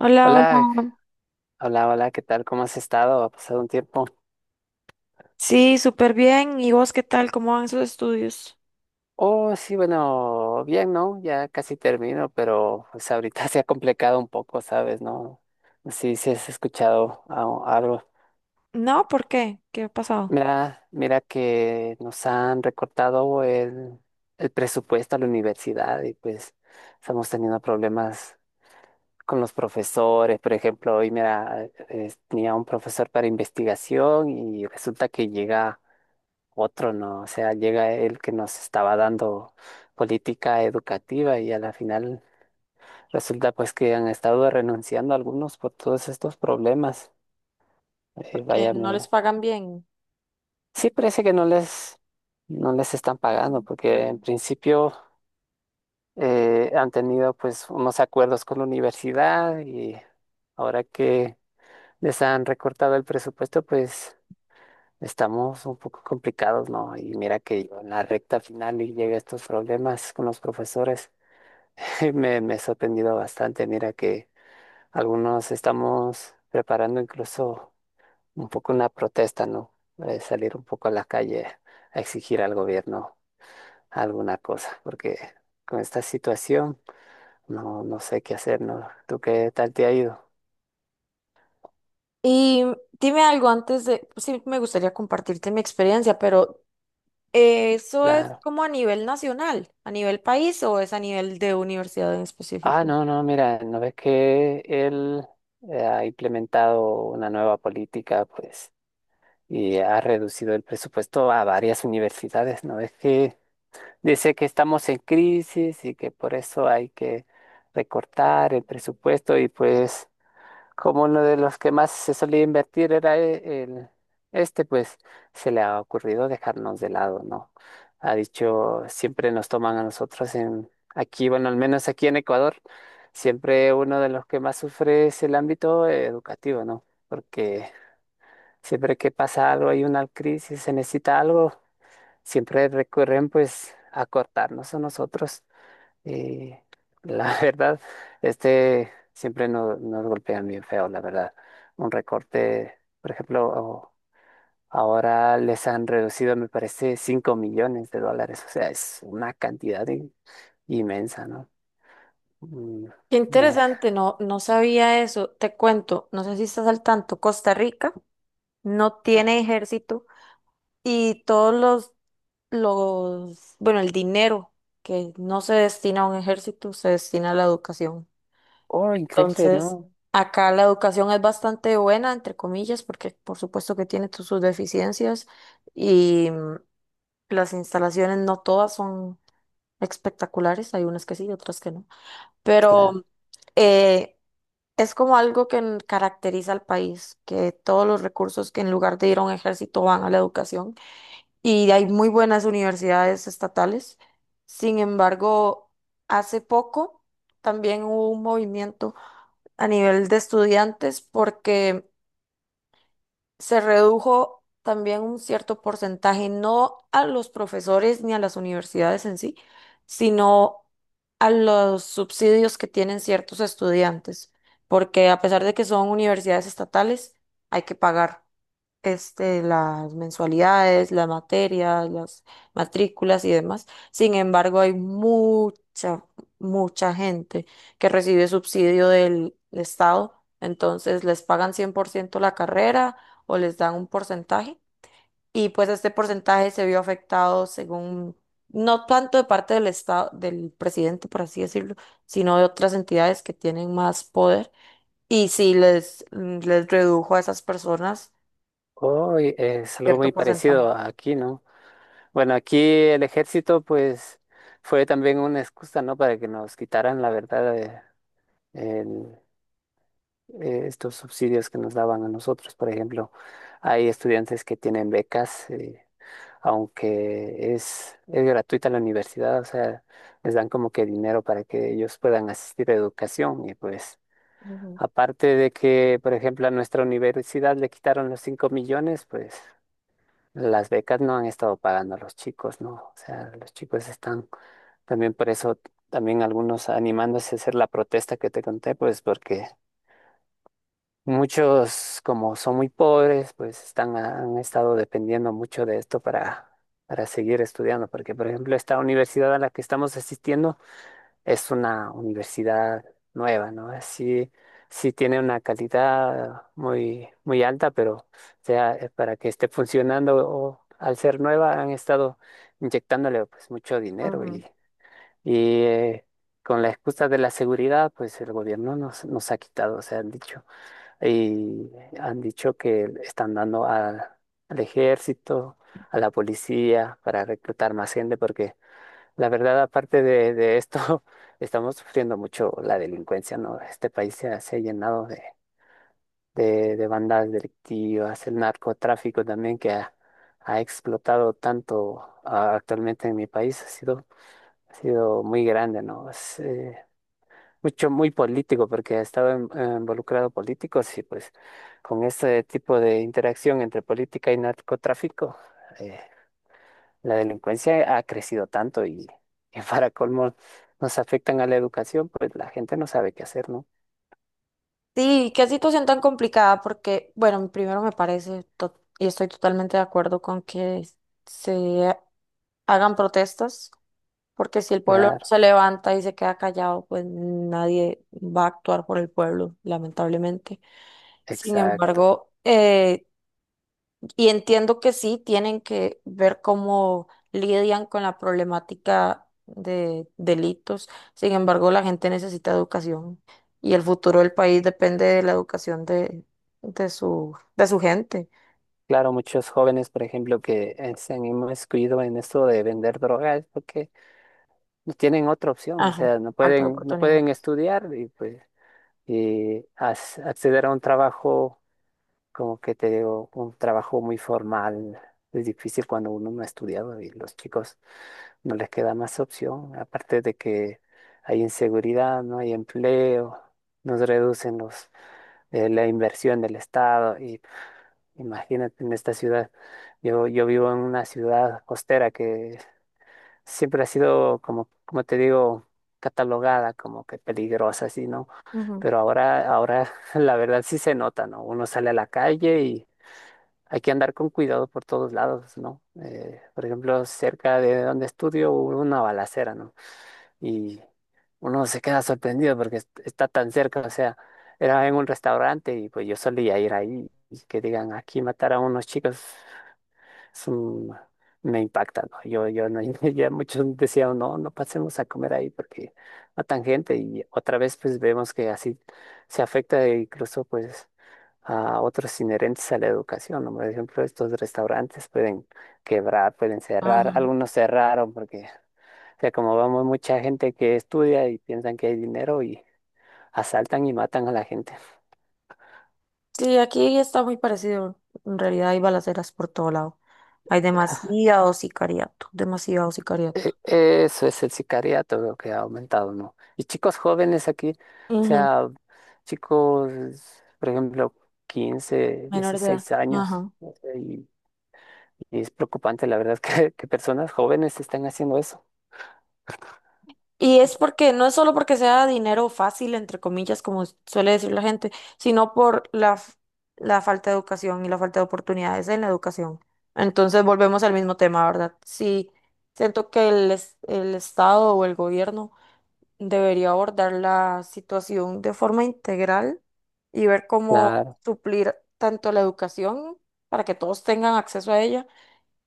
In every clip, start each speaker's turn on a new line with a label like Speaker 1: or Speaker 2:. Speaker 1: Hola,
Speaker 2: Hola,
Speaker 1: hola.
Speaker 2: hola, hola, ¿qué tal? ¿Cómo has estado? Ha pasado un tiempo.
Speaker 1: Sí, súper bien. ¿Y vos qué tal? ¿Cómo van sus estudios?
Speaker 2: Oh, sí, bueno, bien, ¿no? Ya casi termino, pero pues ahorita se ha complicado un poco, ¿sabes? ¿No? No sé si has escuchado algo.
Speaker 1: No, ¿por qué? ¿Qué ha pasado?
Speaker 2: Mira, mira que nos han recortado el presupuesto a la universidad y pues estamos teniendo problemas con los profesores. Por ejemplo, hoy, mira, tenía un profesor para investigación y resulta que llega otro no, o sea, llega el que nos estaba dando política educativa y a la final resulta pues que han estado renunciando algunos por todos estos problemas.
Speaker 1: Porque
Speaker 2: Vaya,
Speaker 1: no les pagan bien.
Speaker 2: sí parece que no les están pagando porque en principio han tenido pues unos acuerdos con la universidad y ahora que les han recortado el presupuesto pues estamos un poco complicados, ¿no? Y mira que yo en la recta final y llega estos problemas con los profesores. Me he sorprendido bastante. Mira que algunos estamos preparando incluso un poco una protesta, ¿no? Salir un poco a la calle a exigir al gobierno alguna cosa, porque con esta situación no sé qué hacer, ¿no? ¿Tú qué tal te ha ido?
Speaker 1: Y Dime algo antes de, sí, me gustaría compartirte mi experiencia, pero ¿eso es
Speaker 2: Claro.
Speaker 1: como a nivel nacional, a nivel país o es a nivel de universidad en
Speaker 2: Ah,
Speaker 1: específico?
Speaker 2: no, no, mira, ¿no ves que él ha implementado una nueva política, pues, y ha reducido el presupuesto a varias universidades? ¿No ves que... Dice que estamos en crisis y que por eso hay que recortar el presupuesto y pues como uno de los que más se solía invertir era el, este, pues se le ha ocurrido dejarnos de lado, ¿no? Ha dicho, siempre nos toman a nosotros en, aquí, bueno, al menos aquí en Ecuador, siempre uno de los que más sufre es el ámbito educativo, ¿no? Porque siempre que pasa algo, hay una crisis, se necesita algo, siempre recurren pues a cortarnos a nosotros. Y la verdad, este siempre nos golpean bien feo, la verdad. Un recorte, por ejemplo, ahora les han reducido, me parece, $5 millones. O sea, es una cantidad inmensa, ¿no? Mm,
Speaker 1: Qué
Speaker 2: me-
Speaker 1: interesante, no, no sabía eso. Te cuento, no sé si estás al tanto, Costa Rica no tiene ejército y todos los, bueno, el dinero que no se destina a un ejército, se destina a la educación.
Speaker 2: Oh, increíble,
Speaker 1: Entonces,
Speaker 2: ¿no?
Speaker 1: acá la educación es bastante buena, entre comillas, porque por supuesto que tiene sus deficiencias y las instalaciones no todas son espectaculares, hay unas que sí y otras que no. Pero
Speaker 2: Claro.
Speaker 1: eh, es como algo que caracteriza al país, que todos los recursos que en lugar de ir a un ejército van a la educación y hay muy buenas universidades estatales. Sin embargo, hace poco también hubo un movimiento a nivel de estudiantes porque se redujo también un cierto porcentaje, no a los profesores ni a las universidades en sí, sino a los subsidios que tienen ciertos estudiantes, porque a pesar de que son universidades estatales, hay que pagar este, las mensualidades, las materias, las matrículas y demás. Sin embargo, hay mucha gente que recibe subsidio del Estado, entonces les pagan 100% la carrera o les dan un porcentaje. Y pues este porcentaje se vio afectado según, no tanto de parte del estado, del presidente, por así decirlo, sino de otras entidades que tienen más poder. Y sí les redujo a esas personas
Speaker 2: Oh, y es algo
Speaker 1: cierto
Speaker 2: muy
Speaker 1: porcentaje.
Speaker 2: parecido aquí, ¿no? Bueno, aquí el ejército, pues, fue también una excusa, ¿no? Para que nos quitaran, la verdad, el- estos subsidios que nos daban a nosotros. Por ejemplo, hay estudiantes que tienen becas, aunque es gratuita la universidad, o sea, les dan como que dinero para que ellos puedan asistir a educación. Y pues,
Speaker 1: Ujú,
Speaker 2: aparte de que, por ejemplo, a nuestra universidad le quitaron los 5 millones, pues, las becas no han estado pagando a los chicos, ¿no? O sea, los chicos están también por eso, también algunos animándose a hacer la protesta que te conté, pues porque muchos, como son muy pobres, pues están, han estado dependiendo mucho de esto para seguir estudiando. Porque, por ejemplo, esta universidad a la que estamos asistiendo es una universidad nueva, ¿no? Así, sí tiene una calidad muy, muy alta, pero o sea, para que esté funcionando o al ser nueva han estado inyectándole pues mucho dinero
Speaker 1: ujú.
Speaker 2: y con la excusa de la seguridad, pues el gobierno nos, nos ha quitado, o sea, han dicho, y han dicho que están dando al ejército, a la policía, para reclutar más gente, porque la verdad, aparte de esto, estamos sufriendo mucho la delincuencia, ¿no? Este país se ha llenado de bandas delictivas, el narcotráfico también que ha explotado tanto actualmente en mi país, ha sido muy grande, ¿no? Mucho, muy político, porque estaba involucrado políticos y pues con este tipo de interacción entre política y narcotráfico, eh, la delincuencia ha crecido tanto y para colmo nos afectan a la educación, pues la gente no sabe qué hacer, ¿no?
Speaker 1: Sí, qué situación tan complicada, porque, bueno, primero me parece, y estoy totalmente de acuerdo con que se hagan protestas. Porque si el pueblo no
Speaker 2: Claro,
Speaker 1: se levanta y se queda callado, pues nadie va a actuar por el pueblo, lamentablemente. Sin
Speaker 2: exacto.
Speaker 1: embargo, y entiendo que sí, tienen que ver cómo lidian con la problemática de delitos. Sin embargo, la gente necesita educación y el futuro del país depende de la educación de de su gente.
Speaker 2: Claro, muchos jóvenes, por ejemplo, que se han inmiscuido en esto de vender drogas porque no tienen otra opción, o
Speaker 1: Ajá,
Speaker 2: sea, no
Speaker 1: falta de
Speaker 2: pueden, no
Speaker 1: oportunidad.
Speaker 2: pueden estudiar y pues y acceder a un trabajo, como que te digo, un trabajo muy formal. Es difícil cuando uno no ha estudiado y los chicos no les queda más opción. Aparte de que hay inseguridad, no hay empleo, nos reducen la inversión del Estado. Y imagínate en esta ciudad, yo vivo en una ciudad costera que siempre ha sido, como, como te digo, catalogada como que peligrosa, así, ¿no?
Speaker 1: Ujú,
Speaker 2: Pero ahora, ahora la verdad sí se nota, ¿no? Uno sale a la calle y hay que andar con cuidado por todos lados, ¿no? Por ejemplo, cerca de donde estudio hubo una balacera, ¿no? Y uno se queda sorprendido porque está tan cerca, o sea, era en un restaurante y pues yo solía ir ahí y que digan, aquí mataron a unos chicos, es un- me impacta, ¿no? Yo no, ya muchos decían, no, no pasemos a comer ahí porque matan gente, y otra vez pues vemos que así se afecta incluso pues a otros inherentes a la educación, ¿no? Por ejemplo, estos restaurantes pueden quebrar, pueden cerrar,
Speaker 1: ujú.
Speaker 2: algunos cerraron porque, o sea, como vamos mucha gente que estudia y piensan que hay dinero y asaltan y matan a la gente.
Speaker 1: Sí, aquí está muy parecido. En realidad hay balaceras por todo lado. Hay demasiado sicariato, demasiado sicariato.
Speaker 2: E- Eso es el sicariato, veo que ha aumentado, ¿no? Y chicos jóvenes aquí, o
Speaker 1: Ujú,
Speaker 2: sea, chicos, por ejemplo, 15,
Speaker 1: menor de edad.
Speaker 2: 16 años,
Speaker 1: Ajá.
Speaker 2: y es preocupante, la verdad, que personas jóvenes están haciendo eso.
Speaker 1: Y es porque, no es solo porque sea dinero fácil, entre comillas, como suele decir la gente, sino por la falta de educación y la falta de oportunidades en la educación. Entonces volvemos al mismo tema, ¿verdad? Sí, siento que el Estado o el gobierno debería abordar la situación de forma integral y ver cómo
Speaker 2: Claro,
Speaker 1: suplir tanto la educación para que todos tengan acceso a ella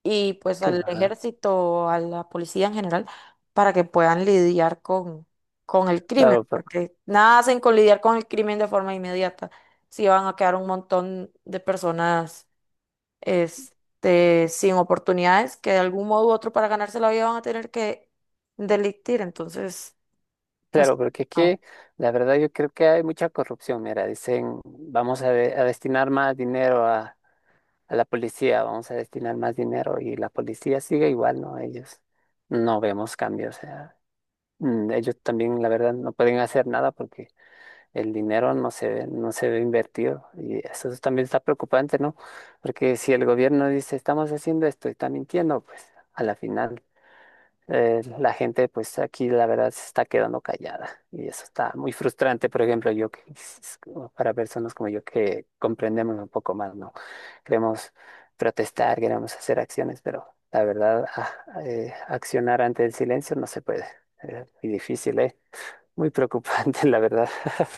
Speaker 1: y pues al
Speaker 2: claro,
Speaker 1: ejército, a la policía en general, para que puedan lidiar con el crimen,
Speaker 2: claro,
Speaker 1: porque nada hacen con lidiar con el crimen de forma inmediata, si van a quedar un montón de personas este, sin oportunidades que de algún modo u otro para ganarse la vida van a tener que delictir, entonces... es-
Speaker 2: claro, porque aquí, la verdad, yo creo que hay mucha corrupción. Mira, dicen, vamos a, a destinar más dinero a la policía, vamos a destinar más dinero y la policía sigue igual, ¿no? Ellos no vemos cambios, o sea, mm, ellos también, la verdad, no pueden hacer nada porque el dinero no se ve, no se ve invertido y eso también está preocupante, ¿no? Porque si el gobierno dice, estamos haciendo esto y está mintiendo, pues a la final la gente, pues aquí la verdad se está quedando callada y eso está muy frustrante, por ejemplo, para personas como yo que comprendemos un poco más, ¿no? Queremos protestar, queremos hacer acciones, pero la verdad, accionar ante el silencio no se puede. Muy difícil, ¿eh? Muy preocupante, la verdad.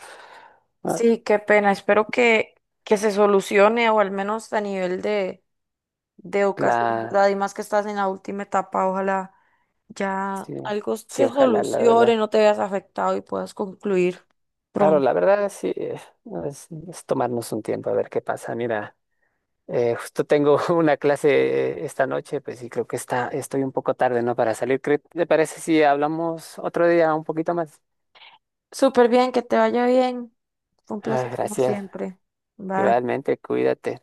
Speaker 2: Ah,
Speaker 1: Sí, qué pena. Espero que se solucione o al menos a nivel de educación,
Speaker 2: claro,
Speaker 1: ¿verdad? Y más que estás en la última etapa, ojalá ya
Speaker 2: sí,
Speaker 1: algo
Speaker 2: sí,
Speaker 1: se
Speaker 2: ojalá, la
Speaker 1: solucione,
Speaker 2: verdad.
Speaker 1: no te veas afectado y puedas concluir
Speaker 2: Claro,
Speaker 1: pronto.
Speaker 2: la verdad, sí, no, es tomarnos un tiempo a ver qué pasa. Mira, justo tengo una clase esta noche, pues sí, creo que estoy un poco tarde, ¿no? Para salir. ¿Te parece si hablamos otro día un poquito más?
Speaker 1: Súper bien, que te vaya bien. Fue un
Speaker 2: Ah,
Speaker 1: placer como
Speaker 2: gracias.
Speaker 1: siempre. Bye.
Speaker 2: Igualmente, cuídate.